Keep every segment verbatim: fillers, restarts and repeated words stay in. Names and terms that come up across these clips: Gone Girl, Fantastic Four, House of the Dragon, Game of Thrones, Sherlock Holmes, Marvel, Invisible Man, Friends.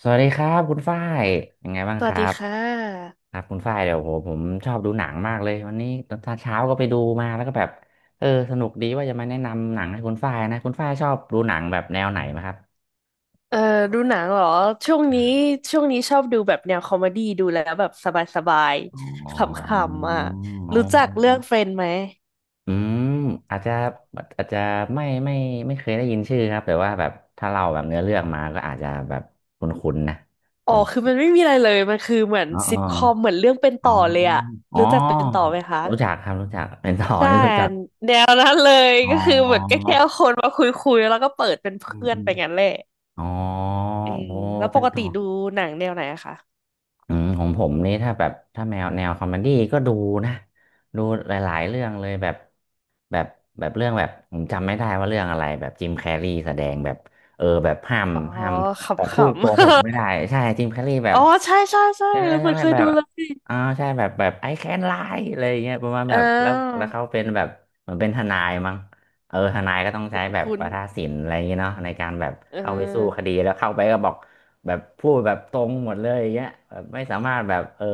สวัสดีครับคุณฝ้ายยังไงบ้างสควัสรัดีบค่ะ ครับคุณฝ้ายเดี๋ยวโหผมชอบดูหนังมากเลยวันนี้ตอนเช้าก็ไปดูมาแล้วก็แบบเออสนุกดีว่าจะมาแนะนำหนังให้คุณฝ้ายนะคุณฝ้ายชอบดูหนังแบบแนวไหนไหมครับเอ่อดูหนังเหรอ ช่วงนี้ช่วงนี้ชอบดูแบบแนวคอมเมดี้ดูแล้วแบบสบายอ๋ๆขอำๆอ่ะ อ๋อรู้จัอกอเรื่อ๋องเฟรอนด์ไหมอืมอาจจะอาจจะไม่ไม่ไม่เคยได้ยินชื่อครับแต่ว่าแบบถ้าเราแบบเนื้อเรื่องมาก็อาจจะแบบคุ้นๆนะเออ๋ออคือมันไม่มีอะไรเลยมันคือเหมือนอ๋อซิทคอมเหมือนเรื่องเป็นอ๋ต่ออเลยอ่ะอ๋อรู้จักเป็นต่อไหมคะ รู้จักครับรู้จักเป็น ต่อใช่นี่รู้จักแนวนั้นเลยอ๋อ ก็คือเหมือนก็แค่เอาคนมาคุยๆแล้วก็เปิดเป็นอืมเพื่อนอืไปมงั้นแหละอ๋อเออโอ้แล้วปเป็นกต่ติอ ดูหนังแนวไหนอะคะอืมของผมนี่ถ้าแบบถ้าแมวแนวคอมเมดี้ก็ดูนะดูหลายๆเรื่องเลยแบบแบบแบบเรื่องแบบผมจำไม่ได้ว่าเรื่องอะไรแบบจิมแคร์รีแสดงแบบเออแบบห้ามอ๋อห้ามแบบขพูดโกหกำๆ ไม่ได้ใช่จิมแคร์รีแบ อ๋บอใช่ใช่ใช่ใช่ไหเอมอใช่มันไหมเคยแบดูบเลยอ่าใช่แบบแบบไอแคนไลอะไรอย่างเงี้ยประมาณอ่แบบแล้วแล้วเขาา เป็นแบบเหมือนเป็นทนายมั้งเออทนายก็ต้องใช้แบบคุ้นวาทาศิลป์อะไรอย่างเงี้ยเนาะในการแบบเเข้าไปสู้คออดีแล้วเข้าไปก็บอก แบบพูดแบบตรงหมดเลยอย่างเงี้ยแบบไม่สามารถแบบเออ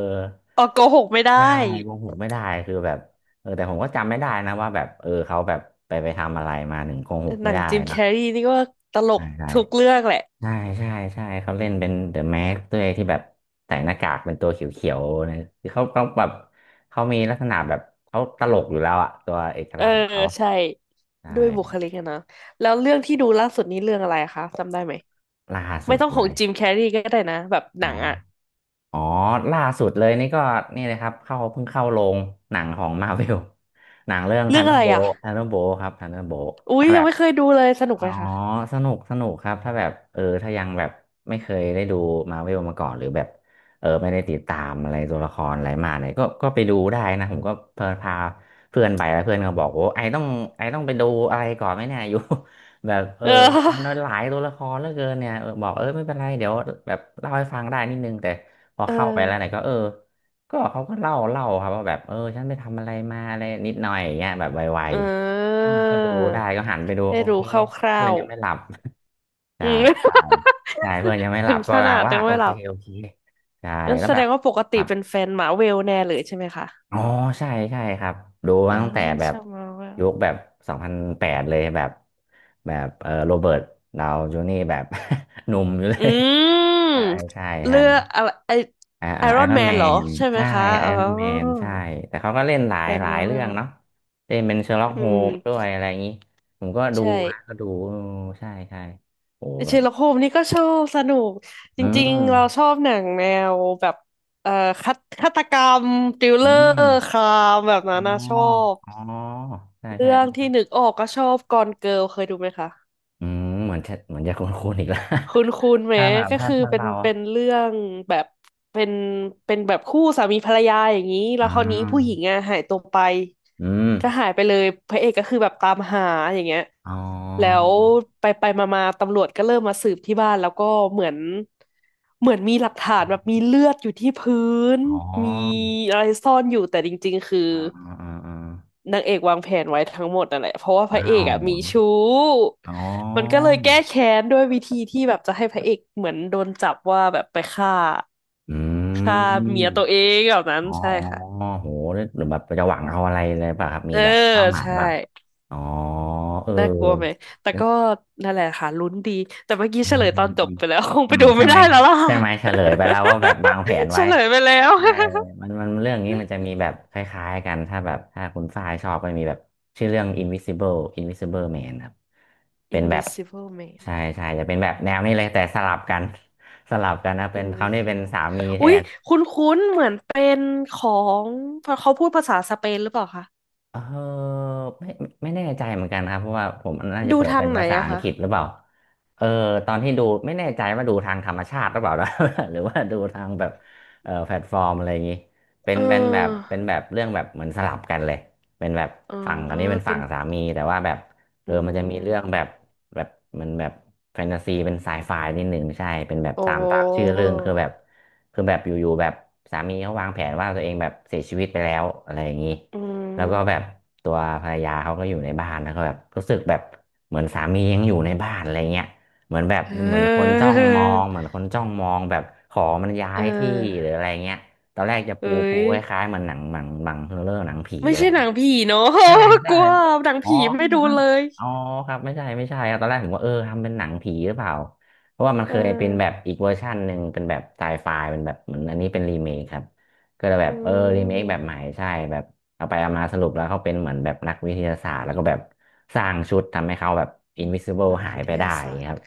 ออกโกหกไม่ได้ได้โกหกไม่ได้คือแบบเออแต่ผมก็จำไม่ได้นะว่าแบบเออเขาแบบไปไปทำอะไรมาถึงโกหกหไม่นังได้จิมเนแคอะร์รีนี่ก็ตลใช่กใช่ทุกเรื่องแหละใช่ใช่ใช่เขาเล่นเป็นเดอะแม็กด้วยที่แบบใส่หน้ากากเป็นตัวเขียวๆนะคือเขาเขาแบบเขามีลักษณะแบบเขาตลกอยู่แล้วอะตัวเอกเออลักษณ์ของเขาใช่ใช่ด้วยบุคลิกอะนะแล้วเรื่องที่ดูล่าสุดนี้เรื่องอะไรคะจำได้ไหมล่าไม่สุดต้องขเลองยจิมแคร์รีก็ได้นะแบบหอ๋อ นังอะอ๋อล่าสุดเลยนี่ก็นี่เลยครับเข้าเพิ่งเข้าโรงหนังของมา r v เวลหนังเรื่องเรื่ทัองนเดออะร์ไรโบ อะ t ทันเดอร์โบ t ครับทันเดอร์โบ t อุ๊ยถ้ายัแบงบ ไม่เคยดูเลยสนุกอ๋อไหมคะสนุกสนุกครับ ถ้าแบบเออถ้ายังแบบไม่เคยได้ดูมาเวลมาก่อนหรือแบบเออไม่ได้ติดตามอะไรตัวละครอะไรมาเนี่ยก็ก็ไปดูได้นะผมก็เพลินพาเพื่อนไปแล้วเพื่อนก็บอกโอ้ไอต้องไอต้องไปดูอะไรก่อนไหมเนี่ย อยู่ แบบเออเอมันอหลายตัวละครเหลือเกินเนี่ยเออบอกเออไม่เป็นไรเดี๋ยวแบบเล่าให้ฟังได้นิดนึงแต่พอเออเข้าไปแล้วเนี่ยก็เออก็เขาก็เล่าเล่าครับว่าแบบเออฉันไปทำอะไรมาอะไรนิดหน่อยอย่างเงี้ยแบบไวเอๆออ่าก็ดูได้ก็หันไปดูให้โอเค รู้คร่าเพื่อนวยังไม่หลับๆใช่อืม ใช่ใช่เพื่อนยั งไม่หถึลับงก็ขแปลนาดว่ายังโอไม่หเคลับโอเคใช่งั้นแล้วแสแบดบงว่าปกคติรับเป็นแฟนหมาเวลแน่เลยใช่ไหมคะ อ๋อใช่ใช่ครับดูมาอ่าตั้งแต่แบชบอบมาว่ายุคแบบสองพันแปดเลยแบบแบบเออโรเบิร์ตดาวจูนี่แบบ หนุ่มอยู่เลอืยใช่มใช่ใช่เลือกอะไรไออ่าไออ่ารไออนรอนแมแมนเหรอนใช่ไหมใช่คะไออ๋อรอนแมนใช่แต่เขาก็เล่นหลาแฟยนหลายมาร์เวเรื่อลงเนาะเล่นเป็นเชอร์ล็อกอืโฮมมด้วยอะไรอย่างนี้ผมก็ดูใช่นะก็ดูเออใช่ใช่โอ้แบเชอบร์ล็อกโฮมนี่ก็ชอบสนุกจอืริงๆเราม ชอบหนังแนวแบบเอ่อฆาฆาตกรรมทริลเลอือมร์ครามแบบอ๋อนั้นนะชอบอ๋อใช่ใช่เรื่องที่นึกออกก็ชอบกอนเกิร์ลเคยดูไหมคะ อืมเหมือนจะเหมือนจะคุ้นๆอีกแล้ว คุณคุณ ไหมถ้าแบบก็ถ้าคือถ้าเป็นเราเป็นเรื่องแบบเป็นเป็นแบบคู่สามีภรรยาอย่างนี้แล้อ่วคราวนี้ผู้หญิางอ่ะหายตัวไปอืมก็หายไปเลยพระเอกก็คือแบบตามหาอย่างเงี้ยอ๋อแล้วไปไปมามาตำรวจก็เริ่มมาสืบที่บ้านแล้วก็เหมือนเหมือนมีหลักฐานแบบมีเลือดอยู่ที่พื้นอ๋อมีอะไรซ่อนอยู่แต่จริงๆคือ อ่าอ่าอ่าอ่านางเอกวางแผนไว้ทั้งหมดนั่นแหละเพราะว่าพระเออ้ากวอ่ะมีชู้อ๋มันก็อเลยแก้แค้นด้วยวิธีที่แบบจะให้พระเอกเหมือนโดนจับว่าแบบไปฆ่าอืฆ่ามเมียตัวเองแบบนั้นอ๋อใช่อค่ะ ๋อโหหรือแบบจะหวังเอาอะไรเลยป่ะครับมีเออแบบเป้าหมายใช่ แบบอ๋อเออน่ากลัวไหม แต่ก็้นั่นแหละค่ะลุ้นดี แต่เมื่อกี้อืเฉมลยอืตอนมจอืบมไปแล้ว คงอืไปมดูใช่ไม่ไหม ได้แล้วล่ะ ใช่ไหมเฉลยไปแล้วว่าแบบวางแผน เฉไว้ ลยไปแล้ว ใช่มันมันเรื่องนี้มันจะมีแบบคล้ายๆกัน ถ้าแบบถ้าคุณฝ้ายชอบมันมีแบบชื่อเรื่อง Invisible Invisible Man ครับเป็ นแบบ Invisible Man ใช่ใช่จะเป็นแบบอืแนวม นี้เลยแต่สลับกัน สลับกันนะเป็นเขาวนี่เป็น Invisible สามีแทอุ๊ยน คุ้นๆเหมือนเป็นของพอเขาพูดภาษาสเปนหรือเปล่าคะ เออไม่ไม่ไม่แน่ใจเหมือนกันครับเพราะว่าผมน่าจะดูเปิดทาเป็งนไหนภาษาอะอังคะ กฤษหรือเปล่าเออตอนที่ดูไม่แน่ใจว่าดูทางธรรมชาติหรือเปล่านะ หรือว่าดูทางแบบเออแพลตฟอร์มอะไรอย่างนี้เป็นเอเป็นแบบอเป็นแบบเรื่องแบบเหมือนสลับกันเลยเป็นแบบอ๋อฝั่งอันนี้เป็นเป็ฝั่นงสามีแต่ว่าแบบเออือมันจะมีเรื่องมแบบแบบมันแบบแฟนตาซีเป็นไซไฟนิดหนึ่งใช่เป็นแบบโอ้ตามตามชื่อเรื่องคือแบบคือแบบอยู่ๆแบบสามีเขาวางแผนว่าตัวเองแบบเสียชีวิตไปแล้วอะไรอย่างนี้ อืแล้วก็แบบมตัวภรรยาเขาก็อยู่ในบ้านแล้วก็แบบรู้สึกแบบเหมือนสามียังอยู่ในบ้านอะไรเงี้ยเหมือนแบบเเหมือนคนออจ้องมองเหมือนคนจ้องมองแบบขอมันย้าเอยที่หรือออะไรเงี้ยตอนแรกจะเอ้ปูปูยคล้ายๆเหมันหนังหนังหนังเรื่องหนังผีไม่อะไร ใช่หนังผีเนาะ ใช่ กใช่ลัวหนังอ๋อผีไม่ดูครับเลยอ๋อครับไม่ใช่ไม่ใช่ครับตอนแรกผมว่าเออทำเป็นหนังผีหรือเปล่าเพราะว่ามันเอเคยเป็นแบบออีกเวอร์ชันหนึ่งเป็นแบบไซไฟเป็นแบบเหมือนอันนี้เป็นรีเมคครับก็เลยแบอืบเออรีเมคแบบใหมม่ใช่แบบเอาไปเอามาสรุปแล้วเขาเป็นเหมือนแบบนักวิทยาศาสตร์แล้วก็แบบสร้างชุดทำให้เขาแบบ invisible นักหายวิทไปได้ยาอย่าศางสตเงี้ยคร์รับ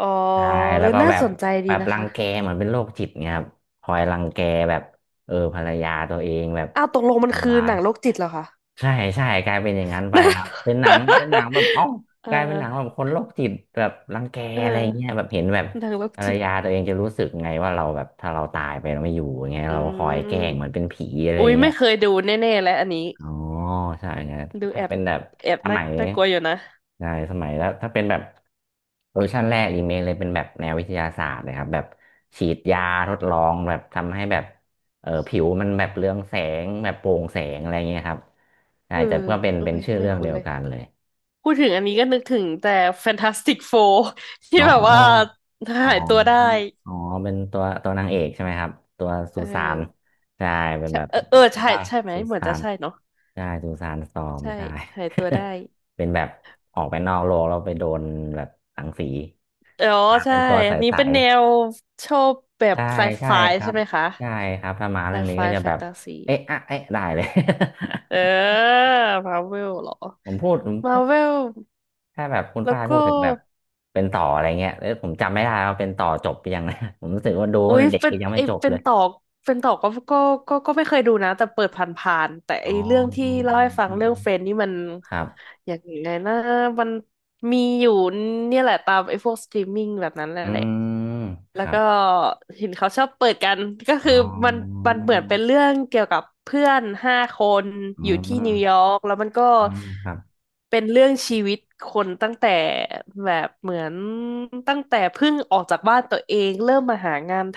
อ๋อใช่เอแล้วอก็น่าแบบสนใจแบดีบนะรังคะ แกเหมือนเป็นโรคจิตเงี้ยครับคอยรังแกแบบเออภรรยาตัวเองแบบอ้าวตกลงมันคืทำอร้าหย นังโรคจิตเหรอคะ ใช่ใช่กลายเป็นอย่างนั้นไปครับเป็น หนังเป็นหนังแบบเอ้าเอกลายเป็นหนังแบบอคนโรคจิตแบบรังแกเออะไรเงี้ยอแบบเห็นแบบหนังโรคภรรจิตยาตัวเองจะรู้สึกไงว่าเราแบบถ้าเราตายไปเราไม่อยู่อย่างเงี้ยอืเราคอยแกล้งเหมือมนเป็นผีอะไรอุ้ยเงี้ไม่ย เคยดูแน่ๆแล้วอันนี้อ๋อใช่ไงดูแอถ้าบเป็นแบบแอบสน่ามัยน่ากลัวอยู่นะใช่สมัยแล้วถ้าเป็นแบบเวอร์ชันแรกอีเมลเลยเป็นแบบแนววิทยาศาสตร์เลยครับแบบฉีดยาทดลองแบบทำให้แบบเออผิวมันแบบเรืองแสงแบบโปร่งแสงอะไรเงี้ยครับใช่เออแต่ก็เป็นเอ้เป็นยชื่อไม่เรื่องคุ้เดีนยวเลยกันเลยพูดถึงอันนี้ก็นึกถึงแต่ Fantastic Four ที่อ๋แบบว่าอ อ๋อหายตัวได้อ๋อเป็นตัวตัวนางเอกใช่ไหมครับตัวสุเอสานอใช่เป็นใช่แบบเออเออใช่ได้ใช่ไหมสุเหมือนสาจะนใช่เนาะใช่สุสานซอมใช่ใช่ หายตัวได้ เป็นแบบออกไปนอกโลกแล้วไปโดนแบบรังสีอ๋อมาใช่เป็นตัวใอันนี้สเป็นแนวชอบแบๆบใช่ไซใช่ไฟครัใช่บไหมคะใช่ครับถ้ามาไซเรื่องนี้ไฟก็จะแฟแบนบตาซี เอ๊ะอะเอ๊ะได้เลย เออมาเวลเหรอ ผมพูดผมมาถ้าเวลถ้าแบบคุณแล้วฝ้ายก็พูดถึงแบบเป็นต่ออะไรเงี้ยแล้วผมจำไม่ได้ว่าเป็นต่อจบหยังนะ ผมรู้สึกว่าดูอุ๊ตั้งยแต่เด็กเป็นยังไอไม่จบเป็เลนย ต่อเป็นต่อก็ก็ก็ก็ไม่เคยดูนะแต่เปิดผ่านๆแต่อ๋ไออเรื่องที่อืมเล่าอืให้มฟัอืงมเรื่อืองมเฟรนด์นี่มันครับอย่างไงนะมันมีอยู่เนี่ยแหละตามไอพวกสตรีมมิ่งแบบนั้นแหอืละ มคแล้วรับก็เห็นเขาชอบเปิดกันก็คือ๋อมันอมันเหมือนเป็นเรื่องเกี่ยวกับเพื่อนห้าคนอือยู่ที่นิวยอมร์กแล้วมันก็อืมครับเป็นเรื่องชีวิตคนตั้งแต่แบบเหมือนตั้งแต่เพิ่งออกจากบ้านตัวเองเริ่มมาหางานท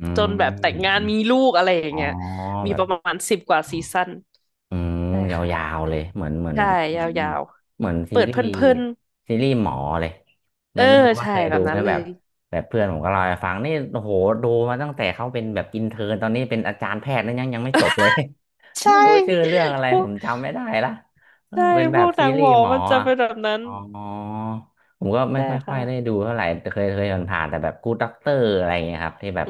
อืจมนแบอบแต่งงานมมีลูกอะไรอย่าอ๋งอเงี้ยมีแบปบ ระมาณสิบกว่าซีซั่นอืมใช่ยาค่ะวๆเลยเหมือนเหมือนใช่เหมือนเหยามือนวเหมือนๆซีเปิดรีเพส์ลินซีรีส์หมอเลยๆเอไม่อไม่รู้ว่าใช่เคยแบดูบไหนั้มนเลแบบยแบบเพื่อนผมก็เล่าให้ฟังนี่โอ้โหดูมาตั้งแต่เขาเป็นแบบอินเทอร์ตอนนี้เป็นอาจารย์แพทย์แล้วยังยังไม่จบเลย ใช่ ไม่รู้ชื่อเรื่องอะไรผมจำไม่ได้ละเออใช่ เป็นพแบวบกหซีนังรีหมส์อหมอมันจะอะเป็นแบบนั้น อ๋อผมก็ไม่ใช่ค่อยค่อค่ะ ยได้ดูเท่าไหร่แต่เคยเคยผ่านๆแต่แบบกู โอ ดี ด็อกเตอร์อะไรอย่างเงี้ยครับที่แบบ อื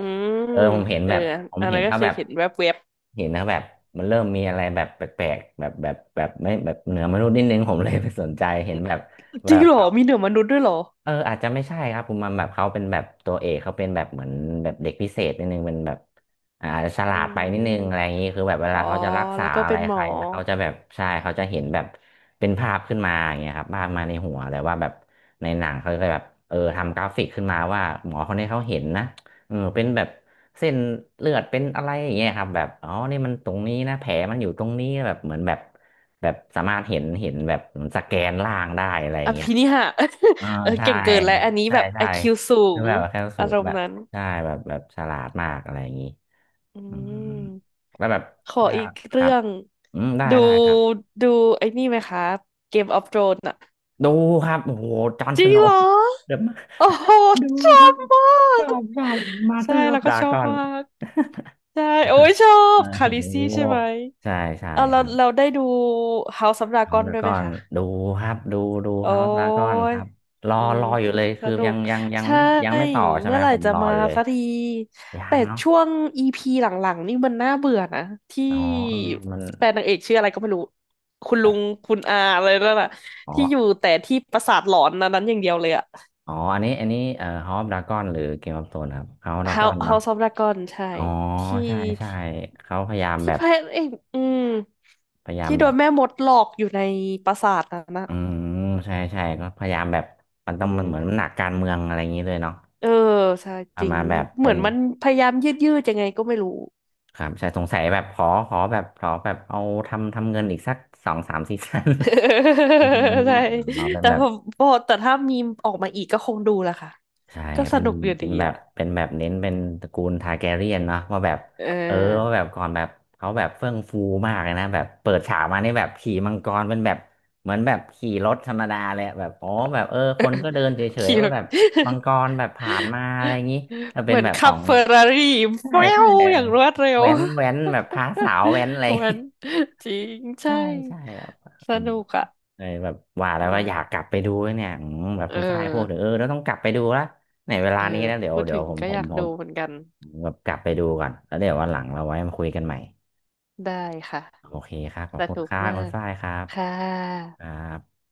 มเออผมเห็นเออแบบผมอันเห็นนั้นก็เขาเคแบยบเห็นแวบเห็นนะแบบมันเริ่มมีอะไรแบบแปลกๆแบบแบบแบบไม่แบบเหนือมนุษย์นิดนึงผมเลยไปสนใจเห็นแบบๆแบจริงบเหรอ เขา มีเหนือมนุษย์ด้วยเหรอ เอออาจจะไม่ใช่ครับคุณมันแบบเขาเป็นแบบตัวเอกเขาเป็นแบบเหมือนแบบเด็กพิเศษนิดนึงเป็นแบบอ่าอาจจะฉลาอืดไปนิดนึงอะไรอย่ามงนี้คือแบบเวอ๋ลาอ เขาจะรักษาแล้วก็อะเป็ไรนหมใคอรแล้วเขาจะแบบใช่เขาจะเห็นแบบเป็นภาพขึ้นมาอย่างเงี้ยครับภาพมาในหัวแต่ว่าแบบในหนังเขาจะแบบเออทำกราฟิกขึ้นมาว่าหมอคนนี้เขาเห็นนะเออเป็นแบบเส้นเลือดเป็นอะไรอย่างเงี้ยครับแบบอ๋อนี่มันตรงนี้นะแผลมันอยู่ตรงนี้แบบเหมือนแบบแบบสามารถเห็นเห็นแบบเหมือนสแกนล่างได้อะไรออย่างเงี้ย ภินิหาร อ่าเออใช่เก่งเกินแล้ว อันนี้ใช่แบบไอใช่คิวสูคืองแบบแคลสูอาตรรมแบณ์บนั้น ใช่แบบแบบฉลาดมากอะไรอย่างนี้อือืมมแล้วแบบขอถ้าอีกคเรื่รับอง อืมได้ดู ได้ครับดูไอ้นี่ไหมคะ Game of Thrones อะ ดูครับโอ้โหจอห์นจสริงโนเหรว์อเดอะมาโอ้โหดูชอครับบมาชอกบชอบมาสเตใช่อร์ออแล้ฟวก็ดาชอกบอน มากใช่โอ้ย ชอโอ้บโคาลิซี่ใช่ไหมหใช่ใช่เอาเราครับเราได้ดู House of เอา Dragon ดาด้วยกไหอมนคะดูครับดูดูโอ้ครับดากอนคยรับรออืมรออยู่สเลยสคือนุยักงยังยังใช่ไม่ยังไม่ต่อใช่เมื่ไหมอไหร่ผมจะรอมาอยู่เลยสักทียัแต่งเนาะ ช่วง อี พี หลังๆนี่มันน่าเบื่อนะที่อ๋อเออมันแฟนนางเอกชื่ออะไรก็ไม่รู้คุณเอลุงอคุณอาอะไรนั่นน่ะอ๋อที่อยู่แต่ที่ปราสาทหลอนนั้นนั้นอย่างเดียวเลยอะ อ๋อ อันนี้ อันนี้เอ่อฮอปดราก้อนหรือเกมออฟโธนครับเฮาดราก้อน House เนาะ House of Dragon ใช่อ๋อที่ใช่ใช่เขาพยายามที่แบพบระเอกอืมพยายามที่แบโดบนแม่มดหลอกอยู่ในปราสาทนั้นนะอืมใช่ใช่ก็พยายามแบบ มันเอต้องมันเหมือนมันหอนักการเมืองอะไรอย่างนี้เลยเนาะเออใช่จเอาริงมาแบบเหเป็มือนนมันพยายามยืดยืดยังไงก็ไม่รู้ ครับใช่สงสัยแบบขอขอแบบขอแบบเอาทำทำเงินอีกสักสองสามซีซั่น อะไรอย่าง นี้ใช่อ๋อเป็นแต่แบพบ อพอแต่ถ้ามีมออกมาอีกก็คงดูแหละค่ะใช่ก็สเป็นนุกอยู่เป็ดีนแบบอ่ะเป็นแบบเน้นเป็นตระกูลทาแกเรียนเนาะว่าแบบเอเออว่าอแบบก่อนแบบเขาแบบเฟื่องฟูมากเลยนะแบบเปิดฉากมานี่แบบขี่มังกรเป็นแบบเหมือนแบบขี่รถธรรมดาเลยแบบอ๋อแบบเออคนก็เดินเฉยเคิๆว่าแบบมัด งกรแบบผ่าน มาอะไรอย่างนี้แล้วเหเป็นมือนแบบขขัอบงเฟอร์รารี่ใช่แฟ้ใช่วอย่างรวดเร็ว แว้นแว้นแบบพาสาวแว้นอะไร มันจริงใช่ใช่ใช่ครับสอืมนุกอ่ะเลยแบบว่าแล้วก็อยากอ่ากลับไปดูเนี่ยอืมแบบเอคุณฝ้ายพูดถึงอเออเราต้องกลับไปดูละในเวเอลาอนี้แล้วเดี๋ยวพูดเดี๋ยถึวงผมก็ผอมยากผดูมเหมือนกันผมแบบกลับไปดูก่อนแล้วเดี๋ยววันหลังเราไว้มาคุยกันใหม่ได้ค่ะโอเคครับขอสบคุณนุคกรับมาคุณกฝ้ายครับค่ะครับ